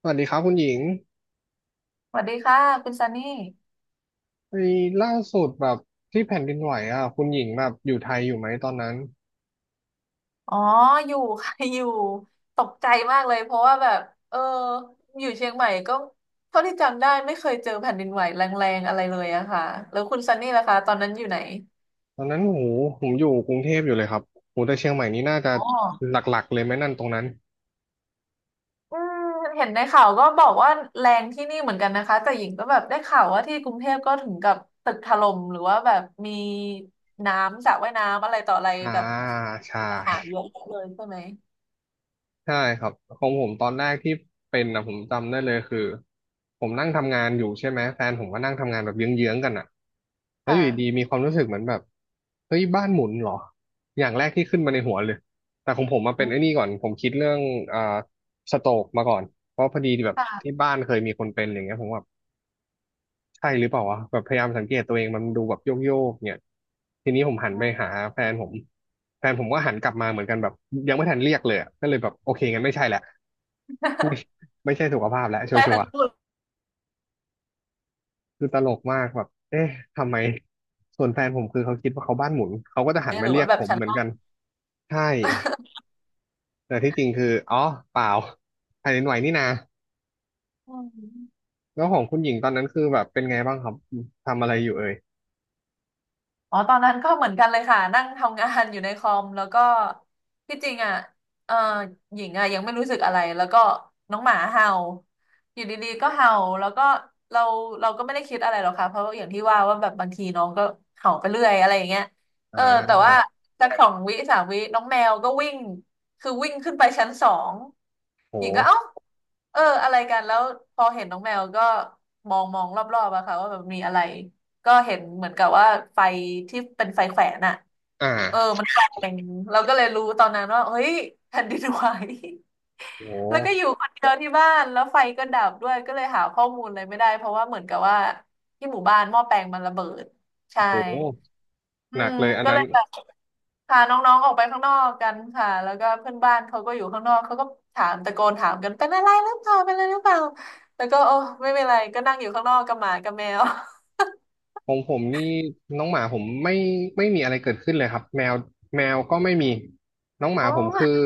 สวัสดีครับคุณหญิงสวัสดีค่ะคุณซันนี่ไอ้ล่าสุดแบบที่แผ่นดินไหวอ่ะคุณหญิงแบบอยู่ไทยอยู่ไหมตอนนั้นอ๋ออยู่ ค่ะ อยู่ตกใจมากเลยเพราะว่าแบบเอออยู่เชียงใหม่ก็เท่าที่จำได้ไม่เคยเจอแผ่นดินไหวแรงๆอะไรเลยอะค่ะแล้วคุณซันนี่ล่ะคะตอนนั้นอยู่ไหนตอนนั้นโหผมอยู่กรุงเทพอยู่เลยครับโหแต่เชียงใหม่นี่น่าจะอ๋อหลักๆเลยไหมนั่นตรงนั้นอืมเห็นในข่าวก็บอกว่าแรงที่นี่เหมือนกันนะคะแต่หญิงก็แบบได้ข่าวว่าที่กรุงเทพก็ถึงกับตึกถล่มหรือว่าแบบมีน้ำสระว่ายน้ำอะไรต่ออะไรอ่าแบบ ใช่ หาเยอะเลยใช่ไหมใช่ครับของผมตอนแรกที่เป็นนะผมจำได้เลยคือผมนั่งทำงานอยู่ใช่ไหมแฟนผมก็นั่งทำงานแบบเยื้องๆกันอ่ะแล้วอยู่ดีค่ะๆมีความรู้สึกเหมือนแบบเฮ้ยบ้านหมุนเหรออย่างแรกที่ขึ้นมาในหัวเลยแต่ของผมมาอืเป็นไอ้มนี่ก่อนผมคิดเรื่องอ่าสโตรกมาก่อนเพราะพอดีแบบที่ค่ะบ้านเคยมีคนเป็นอย่างเงี้ยผมแบบใช่หรือเปล่าวะแบบพยายามสังเกตตัวเองมันดูแบบโยกโยกเนี่ยทีนี้ผมหันอืไปม หาแฟนผมแฟนผมก็หันกลับมาเหมือนกันแบบยังไม่ทันเรียกเลยอะก็เลยแบบโอเคงั้นไม่ใช่แหละ ไม่ไม่ใช่สุขภาพแล้ว ชัใช่วทั้งร์คู่ ๆคือตลกมากแบบเอ๊ะทำไมส่วนแฟนผมคือเขาคิดว่าเขาบ้านหมุนเขาก็จะหันหมารือเรียว่ากแบผบมชั้นเหมือนนอก กันใช่ แต่ที่จริงคืออ๋อเปล่าแผ่นดินไหวนี่นาอืม แล้วของคุณหญิงตอนนั้นคือแบบเป็นไงบ้างครับทำอะไรอยู่เอ่ยอ๋อตอนนั้นก็เหมือนกันเลยค่ะนั่งทำงานอยู่ในคอมแล้วก็ที่จริงอ่ะเออหญิงอ่ะยังไม่รู้สึกอะไรแล้วก็น้องหมาเห่าอยู่ดีๆก็เห่าแล้วก็เราเราก็ไม่ได้คิดอะไรหรอกค่ะเพราะอย่างที่ว่าว่าแบบบางทีน้องก็เห่าไปเรื่อยอะไรอย่างเงี้ยอ่เออแต่ว่าาสักสองวิสามวิน้องแมวก็วิ่งคือวิ่งขึ้นไปชั้นสองหญิงก็โหเอ้าเอออะไรกันแล้วพอเห็นน้องแมวก็มองมองรอบๆอะค่ะว่าแบบมีอะไร ก็เห็นเหมือนกับว่าไฟที่เป็นไฟแขวนอะอ่เออามันแกว่งเราก็เลยรู้ตอนนั้นว่าเฮ้ยแผ่นดินไหว โ แล้วก็หอยู่คนเดียวที่บ้านแล้วไฟก็ดับด้วยก็เลยหาข้อมูลอะไรไม่ได้เพราะว่าเหมือนกับว่าที่หมู่บ้านหม้อแปลงมันระเบิดใช่โหอืหนักมเลยอันก็นั้เลน ยแบบพาน้องๆออกไปข้างนอกกันค่ะแล้วก็เพื่อนบ้านเขาก็อยู่ข้างนอกเขาก็ถามตะโกนถามกันเป็นอะไรหรือเปล่าเป็นอะไรหรือเปล่าแล้วก็โอ้ไม่เป็นไรก็นั่งอยู่ข้างนอกกับหมากับแมว ของผมนี่น้องหมาผมไม่มีอะไรเกิดขึ้นเลยครับแมวก็ไม่มีน้องหโอมาผมคือ้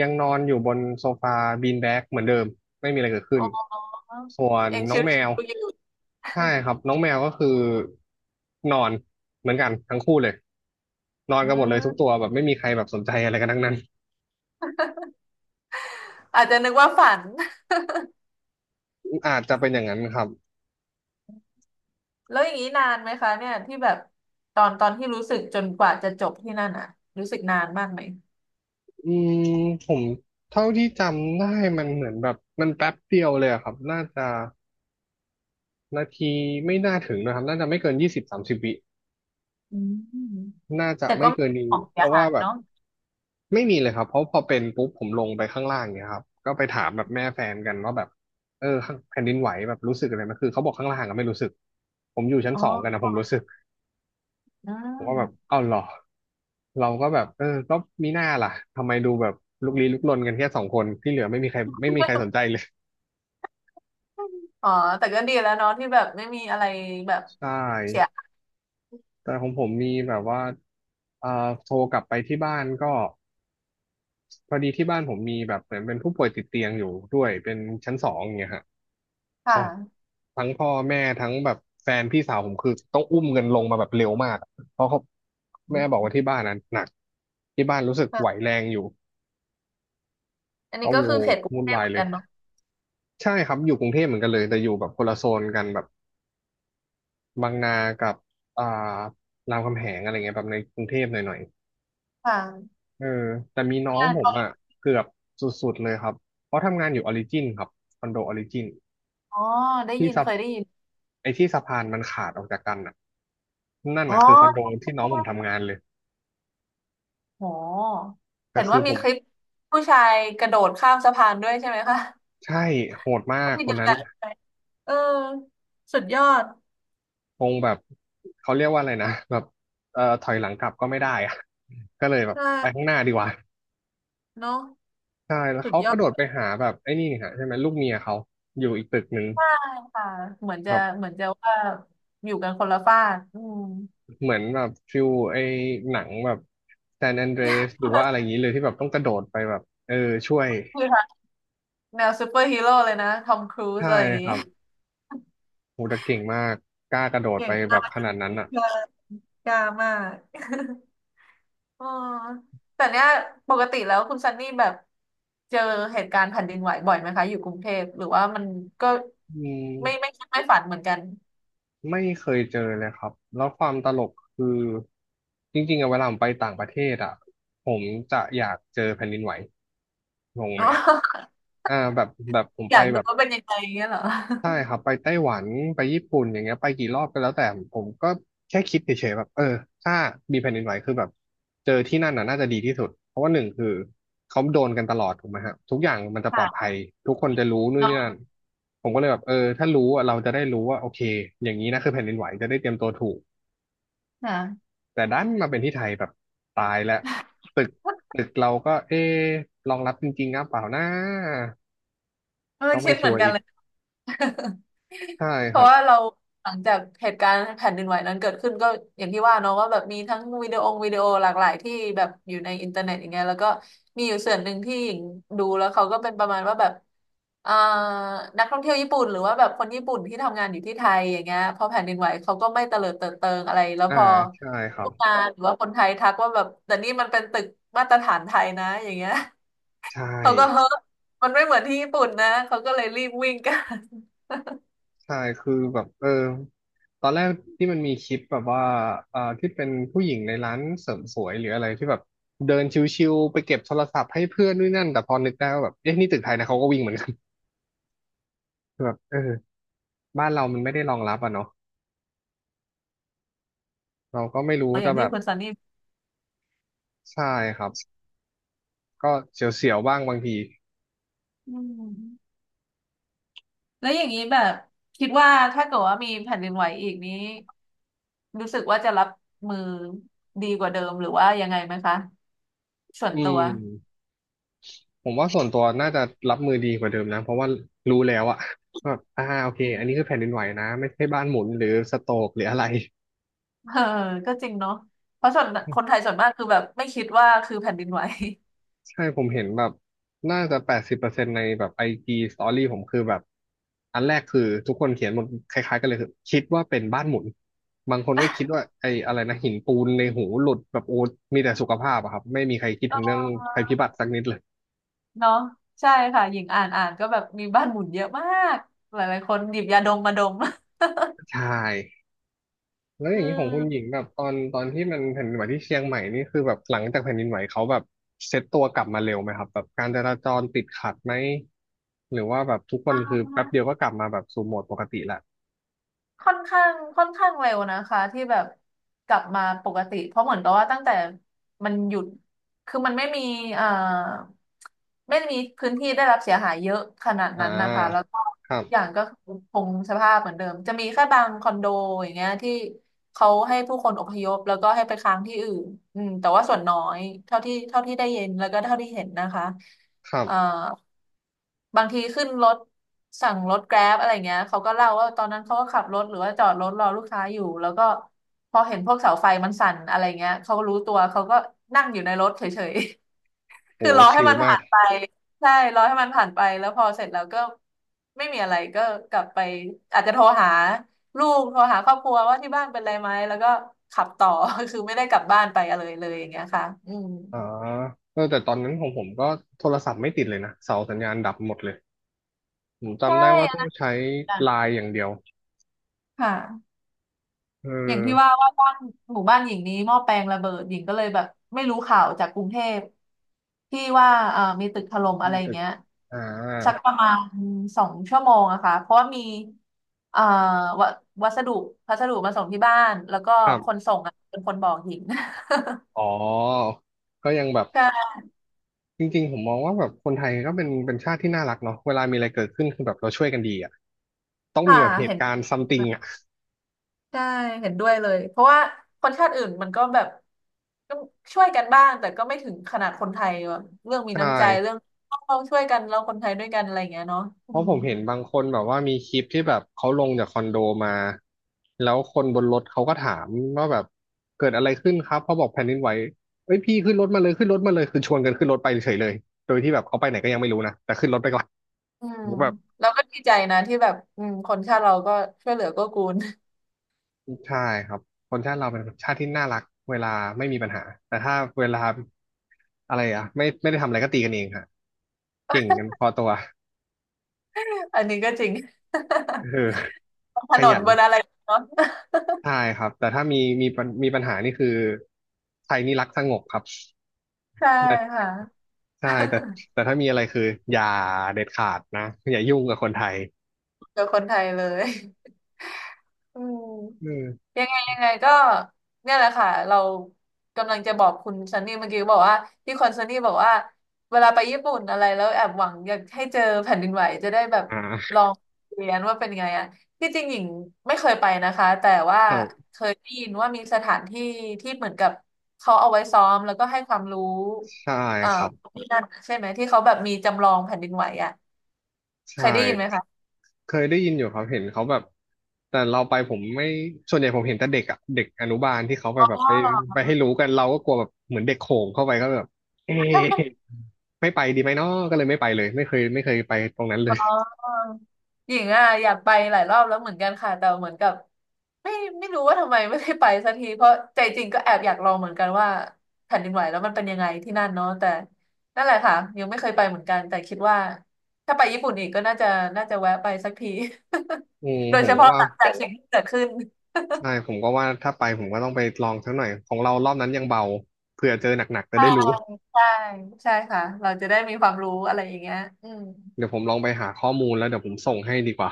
ยังนอนอยู่บนโซฟาบีนแบกเหมือนเดิมไม่มีอะไรเกิดโอขึ้น้ ส่วนยังน้อชิงแมววๆอยู่ใช่ครับน้องแมวก็คือนอนเหมือนกันทั้งคู่เลยนอนอืกันหมดเลยทุกตัมวแบบไม่มีใครแบบสนใจอะไรกันทั้งนั้นอาจจะนึกว่าฝัน อาจจะเป็นอย่างนั้นครับแล้วอย่างนี้นานไหมคะเนี่ยที่แบบตอนตอนที่รู้สึกจนกว่าจะจบที่นั่นอ่ะรู้สึกนานมากไหมอืมผมเท่าที่จำได้มันเหมือนแบบมันแป๊บเดียวเลยอะครับน่าจะ นาทีไม่น่าถึงนะครับน่าจะไม่เกิน20-30 วิอืมน่าจะแต่ไม่ก็ไม่เกินนี้ของเพเสียราะหาว่ายแบบเนาะไม่มีเลยครับเพราะพอเป็นปุ๊บผมลงไปข้างล่างเนี่ยครับก็ไปถามแบบแม่แฟนกันว่าแบบเออข้างแผ่นดินไหวแบบรู้สึกอะไรไหมคือเขาบอกข้างล่างก็ไม่รู้สึก ผมอยู่ชั้นอ๋สองกันนะอผมรู้สึกอืผมก็แบบมเอ้าวเหรอ เราก็แบบเออก็มีหน้าล่ะทำไมดูแบบลุกลี้ลุกลนกันแค่สองคนที่เหลือไม่มีใครสนใจเลย อ๋อแต่ก็ดีแล้วเนาะที่แบบไม่มีอะไรแบบ ใช่เสียหายแต่ของผมมีแบบว่าเอ่อโทรกลับไปที่บ้านก็ พอดีที่บ้านผมมีแบบเหมือนเป็นผู้ป่วยติดเตียงอยู่ด้วยเป็นชั้นสองอย่างเงี้ยฮะคเขา่ะทั้งพ่อแม่ทั้งแบบแฟนพี่สาวผมคือต้องอุ้มเงินลงมาแบบเร็วมากเพราะเขาแม่บอกอืมว่าที่บ้านนั้นหนักที่บ้านรู้สึกไหวค่ะ แรงอยู่อันก็นี้ก็โอ้คืโหอเขตกรุงวุ่นเทพวาเหยมือนเลยกันเนาะใช่ครับอยู่กรุงเทพเหมือนกันเลยแต่อยู่แบบคนละโซนกันแบบบางนากับอ่ารามคำแหงอะไรเงี้ยแบบในกรุงเทพหน่อยค่ะๆเออแต่มีน้องอ่าผตมอนอ่ะเกือบสุดๆเลยครับเพราะทำงานอยู่ออริจินครับคอนโดออริจิน อ๋อได้ที่ยินสะเคยได้ยิน ไอ้ที่สะพานมันขาดออกจากกันน่ะนั่นอ๋อ น่ะคือคอนโดที่น้องผมทำงานเลยอ๋อแต่เห็นคืว่าอผมีมคลิปผู้ชายกระโดดข้ามสะพานด้วยใช่ไหมคะใช่โหดมากที่ คเดีนยวนั้นกันเออ สุดยอดคงแบบเขาเรียกว่าอะไรนะแบบถอยหลังกลับก็ไม่ได้อะก็เลยแบบใช่ไปข้างหน้าดีกว่าเนอะใช่แล้วสุดเขายกอระโดดดไปหาแบบไอ้นี่ฮะใช่ไหมลูกเมียเขาอยู่อีกตึกหนึ่งมากค่ะ เหมือนจะแบบเหมือนจะว่าอยู่กันคนละฟากอืมเหมือนแบบฟิลไอ้หนังแบบแซนแอนเดรสหรือว่าอะไรอย่างนี้เลยที่แบบต้องกระโดดไปแบบเออช่วยคือค่ะแนวซูเปอร์ฮีโร่เลยนะทอมครูซใช่อะไรอย่างคงี้รับ โหแต่เก่งมากกล้ากระโดดเก่ไปงแบมาบก ข นาดนั้นเก่งอ่ะมากกล้ามาก อ๋อแต่เนี้ยปกติแล้วคุณซันนี่แบบเจอเหตุการณ์แผ่นดินไหวบ่อยไหมคะอยู่กรุงเทพหรือว่ามันก็อืมไม่คิดไม่ฝันเหมือนกัน ไม่เคยเจอเลยครับแล้วความตลกคือจริงๆอะเวลาผมไปต่างประเทศอ่ะผมจะอยากเจอแผ่นดินไหวงง ไหอ๋มอ แบบผมอไปยากดูแบบ ว่าเป็นยังไงเงี้ยเหรอใช่ครับไปไต้หวันไปญี่ปุ่นอย่างเงี้ยไปกี่รอบก็แล้วแต่ผมก็แค่คิดเฉยๆแบบเออถ้ามีแผ่นดินไหวคือแบบเจอที่นั่นน่ะน่าจะดีที่สุดเพราะว่าหนึ่งคือเขาโดนกันตลอดถูกไหมฮะทุกอย่างมันจะปลอดภัค่ะยทุกคนจะรู้นู่นนี่นั่นเนาะผมก็เลยแบบเออถ้ารู้อะเราจะได้รู้ว่าโอเคอย่างนี้นะคือแผ่นดินไหวจะได้เตรียมตัวถูกค่ะแต่ดันมาเป็นที่ไทยแบบตายแล้วตึกตึกเราก็เอ๊ะรองรับจริงๆนะเปล่านะเออก็คิไม่ดเหชัมือวนร์กันอีกเลย ใช่เพครัราะบว่าเราหลังจากเหตุการณ์แผ่นดินไหวนั้นเกิดขึ้นก็อย่างที่ว่าเนาะว่าแบบมีทั้งวิดีโอหลากหลายที่แบบอยู่ในอินเทอร์เน็ตอย่างเงี้ยแล้วก็มีอยู่ส่วนหนึ่งที่หญิงดูแล้วเขาก็เป็นประมาณว่าแบบอ่านักท่องเที่ยวญี่ปุ่นหรือว่าแบบคนญี่ปุ่นที่ทำงานอยู่ที่ไทยอย่างเงี้ยพอแผ่นดินไหวเขาก็ไม่เตลิดเปิดเปิงอะไรแล้วอ่าพอใช่ครัพบวกงานหรือว่าคนไทยทักว่าแบบแต่นี่มันเป็นตึกมาตรฐานไทยนะอย่างเงี้ย ใช่ เขาก็เฮ้อมันไม่เหมือนที่ญี่ปุ่นนะเขาก็เลยรีบวิ่งกัน ใช่คือแบบตอนแรกที่มันมีคลิปแบบว่าที่เป็นผู้หญิงในร้านเสริมสวยหรืออะไรที่แบบเดินชิวๆไปเก็บโทรศัพท์ให้เพื่อนด้วยนั่นแต่พอนึกได้ว่าแบบเอ๊ะนี่ตึกไทยนะเขาก็วิ่งเหมือนกัน แบบเออบ้านเรามันไม่ได้รองรับอ่ะเนาะเราก็ไม่รู้ อจะย่างแบที่บคุณซันนี่ใช่ครับก็เสียวๆบ้างบางทีอืม แล้วอย่างนี้แบบคิดว่าถ้าเกิดว่ามีแผ่นดินไหวอีกนี้รู้สึกว่าจะรับมือดีกว่าเดิมหรือว่ายังไงไหมคะส่วนอืตัวมผมว่าส่วนตัวน่าจะรับมือดีกว่าเดิมนะเพราะว่ารู้แล้วอะ แบบโอเคอือันนี้คืมอแผ่นดินไหวนะไม่ใช่บ้านหมุนหรือสโตรกหรืออะไร เออก็จริงเนาะเพราะส่วนคนไทยส่วนมากคือแบบไม่คิดว่าคือแผ่นดินไหว ใช่ผมเห็นแบบน่าจะ80%ในแบบไอจีสตอรี่ผมคือแบบอันแรกคือทุกคนเขียนหมดคล้ายๆกันเลยคือคิดว่าเป็นบ้านหมุนบางคนก็คิด ว่าไอ้อะไรนะหินปูนในหูหลุดแบบโอ้ มีแต่สุขภาพอะครับไม่มีใครคิดเถึงเรื่องภัยออพิบัติสักนิดเลยเนาะใช่ค่ะหญิงอ่านอ่านก็แบบมีบ้านหมุนเยอะมากหลายๆคนหยิบยาดมมาดม ใช่แล้วออืย่างนี้ของคุณหญิงม แบบตอนที่มันแผ่นดินไหวที่เชียงใหม่นี่คือแบบหลังจากแผ่นดินไหวเขาแบบเซ็ตตัวกลับมาเร็วไหมครับแบบการจราจรติดขัดไหมหรือว่าแบบทุกคนคือแป๊บเดียวก็กลับมาแบบสู่โหมดปกติละ ค่อนข้างค่อนข้างเร็วนะคะที่แบบกลับมาปกติเพราะเหมือนกับว่าตั้งแต่มันหยุดคือมันไม่มีเอ่อไม่มีพื้นที่ได้รับเสียหายเยอะขนาดอ่นั้นนะคะแล้วาก็ครัอย่าบ งก็คงสภาพเหมือนเดิมจะมีแค่บางคอนโดอย่างเงี้ยที่เขาให้ผู้คนอพยพแล้วก็ให้ไปค้างที่อื่นอืมแต่ว่าส่วนน้อยเท่าที่ได้ยินแล้วก็เท่าที่เห็นนะคะ ครัเอ่อบบางทีขึ้นรถสั่งรถแกร็บอะไรเงี้ยเขาก็เล่าว่าตอนนั้นเขาก็ขับรถหรือว่าจอดรถรอลูกค้าอยู่แล้วก็พอเห็นพวกเสาไฟมันสั่นอะไรเงี้ยเขารู้ตัวเขาก็นั่งอยู่ในรถเฉยๆ โหคือรอให้ชิลมันมาผ่ากนไปใช่รอให้มันผ่านไปแล้วพอเสร็จแล้วก็ไม่มีอะไรก็กลับไปอาจจะโทรหาลูกโทรหาครอบครัวว่าที่บ้านเป็นไรไหมแล้วก็ขับต่อ คือไม่ได้กลับบ้านไปอะไรเลยอย่างเงี้ยค่ะอืมอ๋อเออแต่ตอนนั้นของผมก็โทรศัพท์ไม่ติดเลยนะ เสาสัญญาณดับหมดเลยผมใช่จำได้ว่าอันต้องนั้นใช้เหมือนกัไลนน์อย่างเดียวค่ะ เอออย่างที่ว่าว่าบ้านหมู่บ้านหญิงนี้หม้อแปลงระเบิดหญิงก็เลยแบบไม่รู้ข่าวจากกรุงเทพที่ว่ามีตึกถล่มอะไรไม่อย่าติงดเงี้ยอ่าสักประมาณ2 ชั่วโมงอะค่ะเพราะว่ามีเอ่อวัวัสดุพัสดุมาส่งที่บ้านแล้วก็ครัคบนส่งอะเป็นคนบอกหญิง อ๋อ ก็ยังแบบ ใช่จริงๆผมมองว่าแบบคนไทยก็เป็นชาติที่น่ารักเนาะเวลามีอะไรเกิดขึ้นคือแบบเราช่วยกันดีอ่ะต้องมีค่ะแบบเหเห็ตุนการณ์ซัมติงอ่ะใช่เห็นด้วยเลยเพราะว่าคนชาติอื่นมันก็แบบก็ช่วยกันบ้างแต่ก็ไม่ถึงขนาดคนไทยแบบเรื่องมีใชน้ำใจเรื่อ่ งต้องช่วยกันเราคนไทยด้วยกันอะไรอย่างเงี้ยเนาะเพอืราะม ผมเห็นบางคนแบบว่ามีคลิปที่แบบเขาลงจากคอนโดมาแล้วคนบนรถเขาก็ถามว่าแบบเกิดอะไรขึ้นครับเขาบอกแผ่นดินไหวเอ้ยพี่ขึ้นรถมาเลยขึ้นรถมาเลยคือชวนกันขึ้นรถไปเฉยเลยโดยที่แบบเขาไปไหนก็ยังไม่รู้นะแต่ขึ้นรถไปก่อนอืมผมแบบเราก็ดีใจนะที่แบบอืมคนชาติเราก็ช่วยเหลือเก็กูล ใช่ครับคนชาติเราเป็นชาติที่น่ารักเวลาไม่มีปัญหาแต่ถ้าเวลาอะไรอะไม่ได้ทำอะไรก็ตีกันเองฮะเก่งกันพอตัว อันนี้ก็จริง เออ นถขนนยัน บนอะไรเนาะ ใช่ครับแต่ถ้ามีมีปัญหานี่คือไทยนี่รักสงบครับ ใช่แต่ค่ะ ใช่ แต่แต่ถ้ามีอะไรคืออย่าเด็ดขาดนะอย่ายุ่งกับคนไทยเจอคนไทยเลยอืม อืมยังไงยังไงก็เนี่ยแหละค่ะเรากำลังจะบอกคุณซันนี่เมื่อกี้บอกว่าที่คอนซันนี่บอกว่าเวลาไปญี่ปุ่นอะไรแล้วแอบหวังอยากให้เจอแผ่นดินไหวจะได้แบบลอ่าองเรียนว่าเป็นไงอ่ะที่จริงหญิงไม่เคยไปนะคะแต่ว่าครับเคยได้ยินว่ามีสถานที่ที่เหมือนกับเขาเอาไว้ซ้อมแล้วก็ให้ความรู้ใช่เอ่อ ครับ ที่นั่นใช่ไหมที่เขาแบบมีจำลองแผ่นดินไหวอ่ะเคใช่ยได้ยินไหมคะเคยได้ยินอยู่ครับเห็นเขาแบบแต่เราไปผมไม่ส่วนใหญ่ผมเห็นแต่เด็กอ่ะเด็กอนุบาลที่เขาไปอ๋แบบอ ไปไปให้รู้กันเราก็กลัวแบบเหมือนเด็กโขงเข้าไปก็แบบเอ๊ะไม่ไปดีไหมเนาะก็เลยไม่ไปเลยไม่เคยไปตรงนั้นเลอ๋ยอหญิงอ่ะอยากไปหลายรอบแล้วเหมือนกันค่ะแต่เหมือนกับไม่ไม่รู้ว่าทำไมไม่ได้ไปสักทีเพราะใจจริงก็แอบอยากลองเหมือนกันว่าแผ่นดินไหวแล้วมันเป็นยังไงที่นั่นเนาะแต่นั่นแหละค่ะยังไม่เคยไปเหมือนกันแต่คิดว่าถ้าไปญี่ปุ่นอีกก็น่าจะแวะไปสักที อืม โดยผเฉมก็พาะว่า หลังจากสิ่งที่เกิดขึ้นใช่ผมก็ว่าถ้าไปผมก็ต้องไปลองสักหน่อยของเรารอบนั้นยังเบาเผื่อเจอหนักๆจะใช่ได้รู้ใช่ใช่ค่ะเราจะได้มีความรู้อะไรอย่างเงี้ยอืมเดี๋ยวผมลองไปหาข้อมูลแล้วเดี๋ยวผมส่งให้ดีกว่า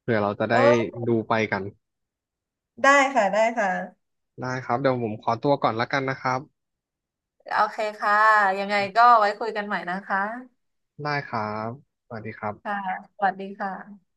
เผื่อเราจะได้โอ้ดูไปกันได้ค่ะได้ค่ะได้ครับเดี๋ยวผมขอตัวก่อนละกันนะครับโอเคค่ะยังไงก็ไว้คุยกันใหม่นะคะ ได้ครับสวัสดีครับค่ะสวัสดีค่ะ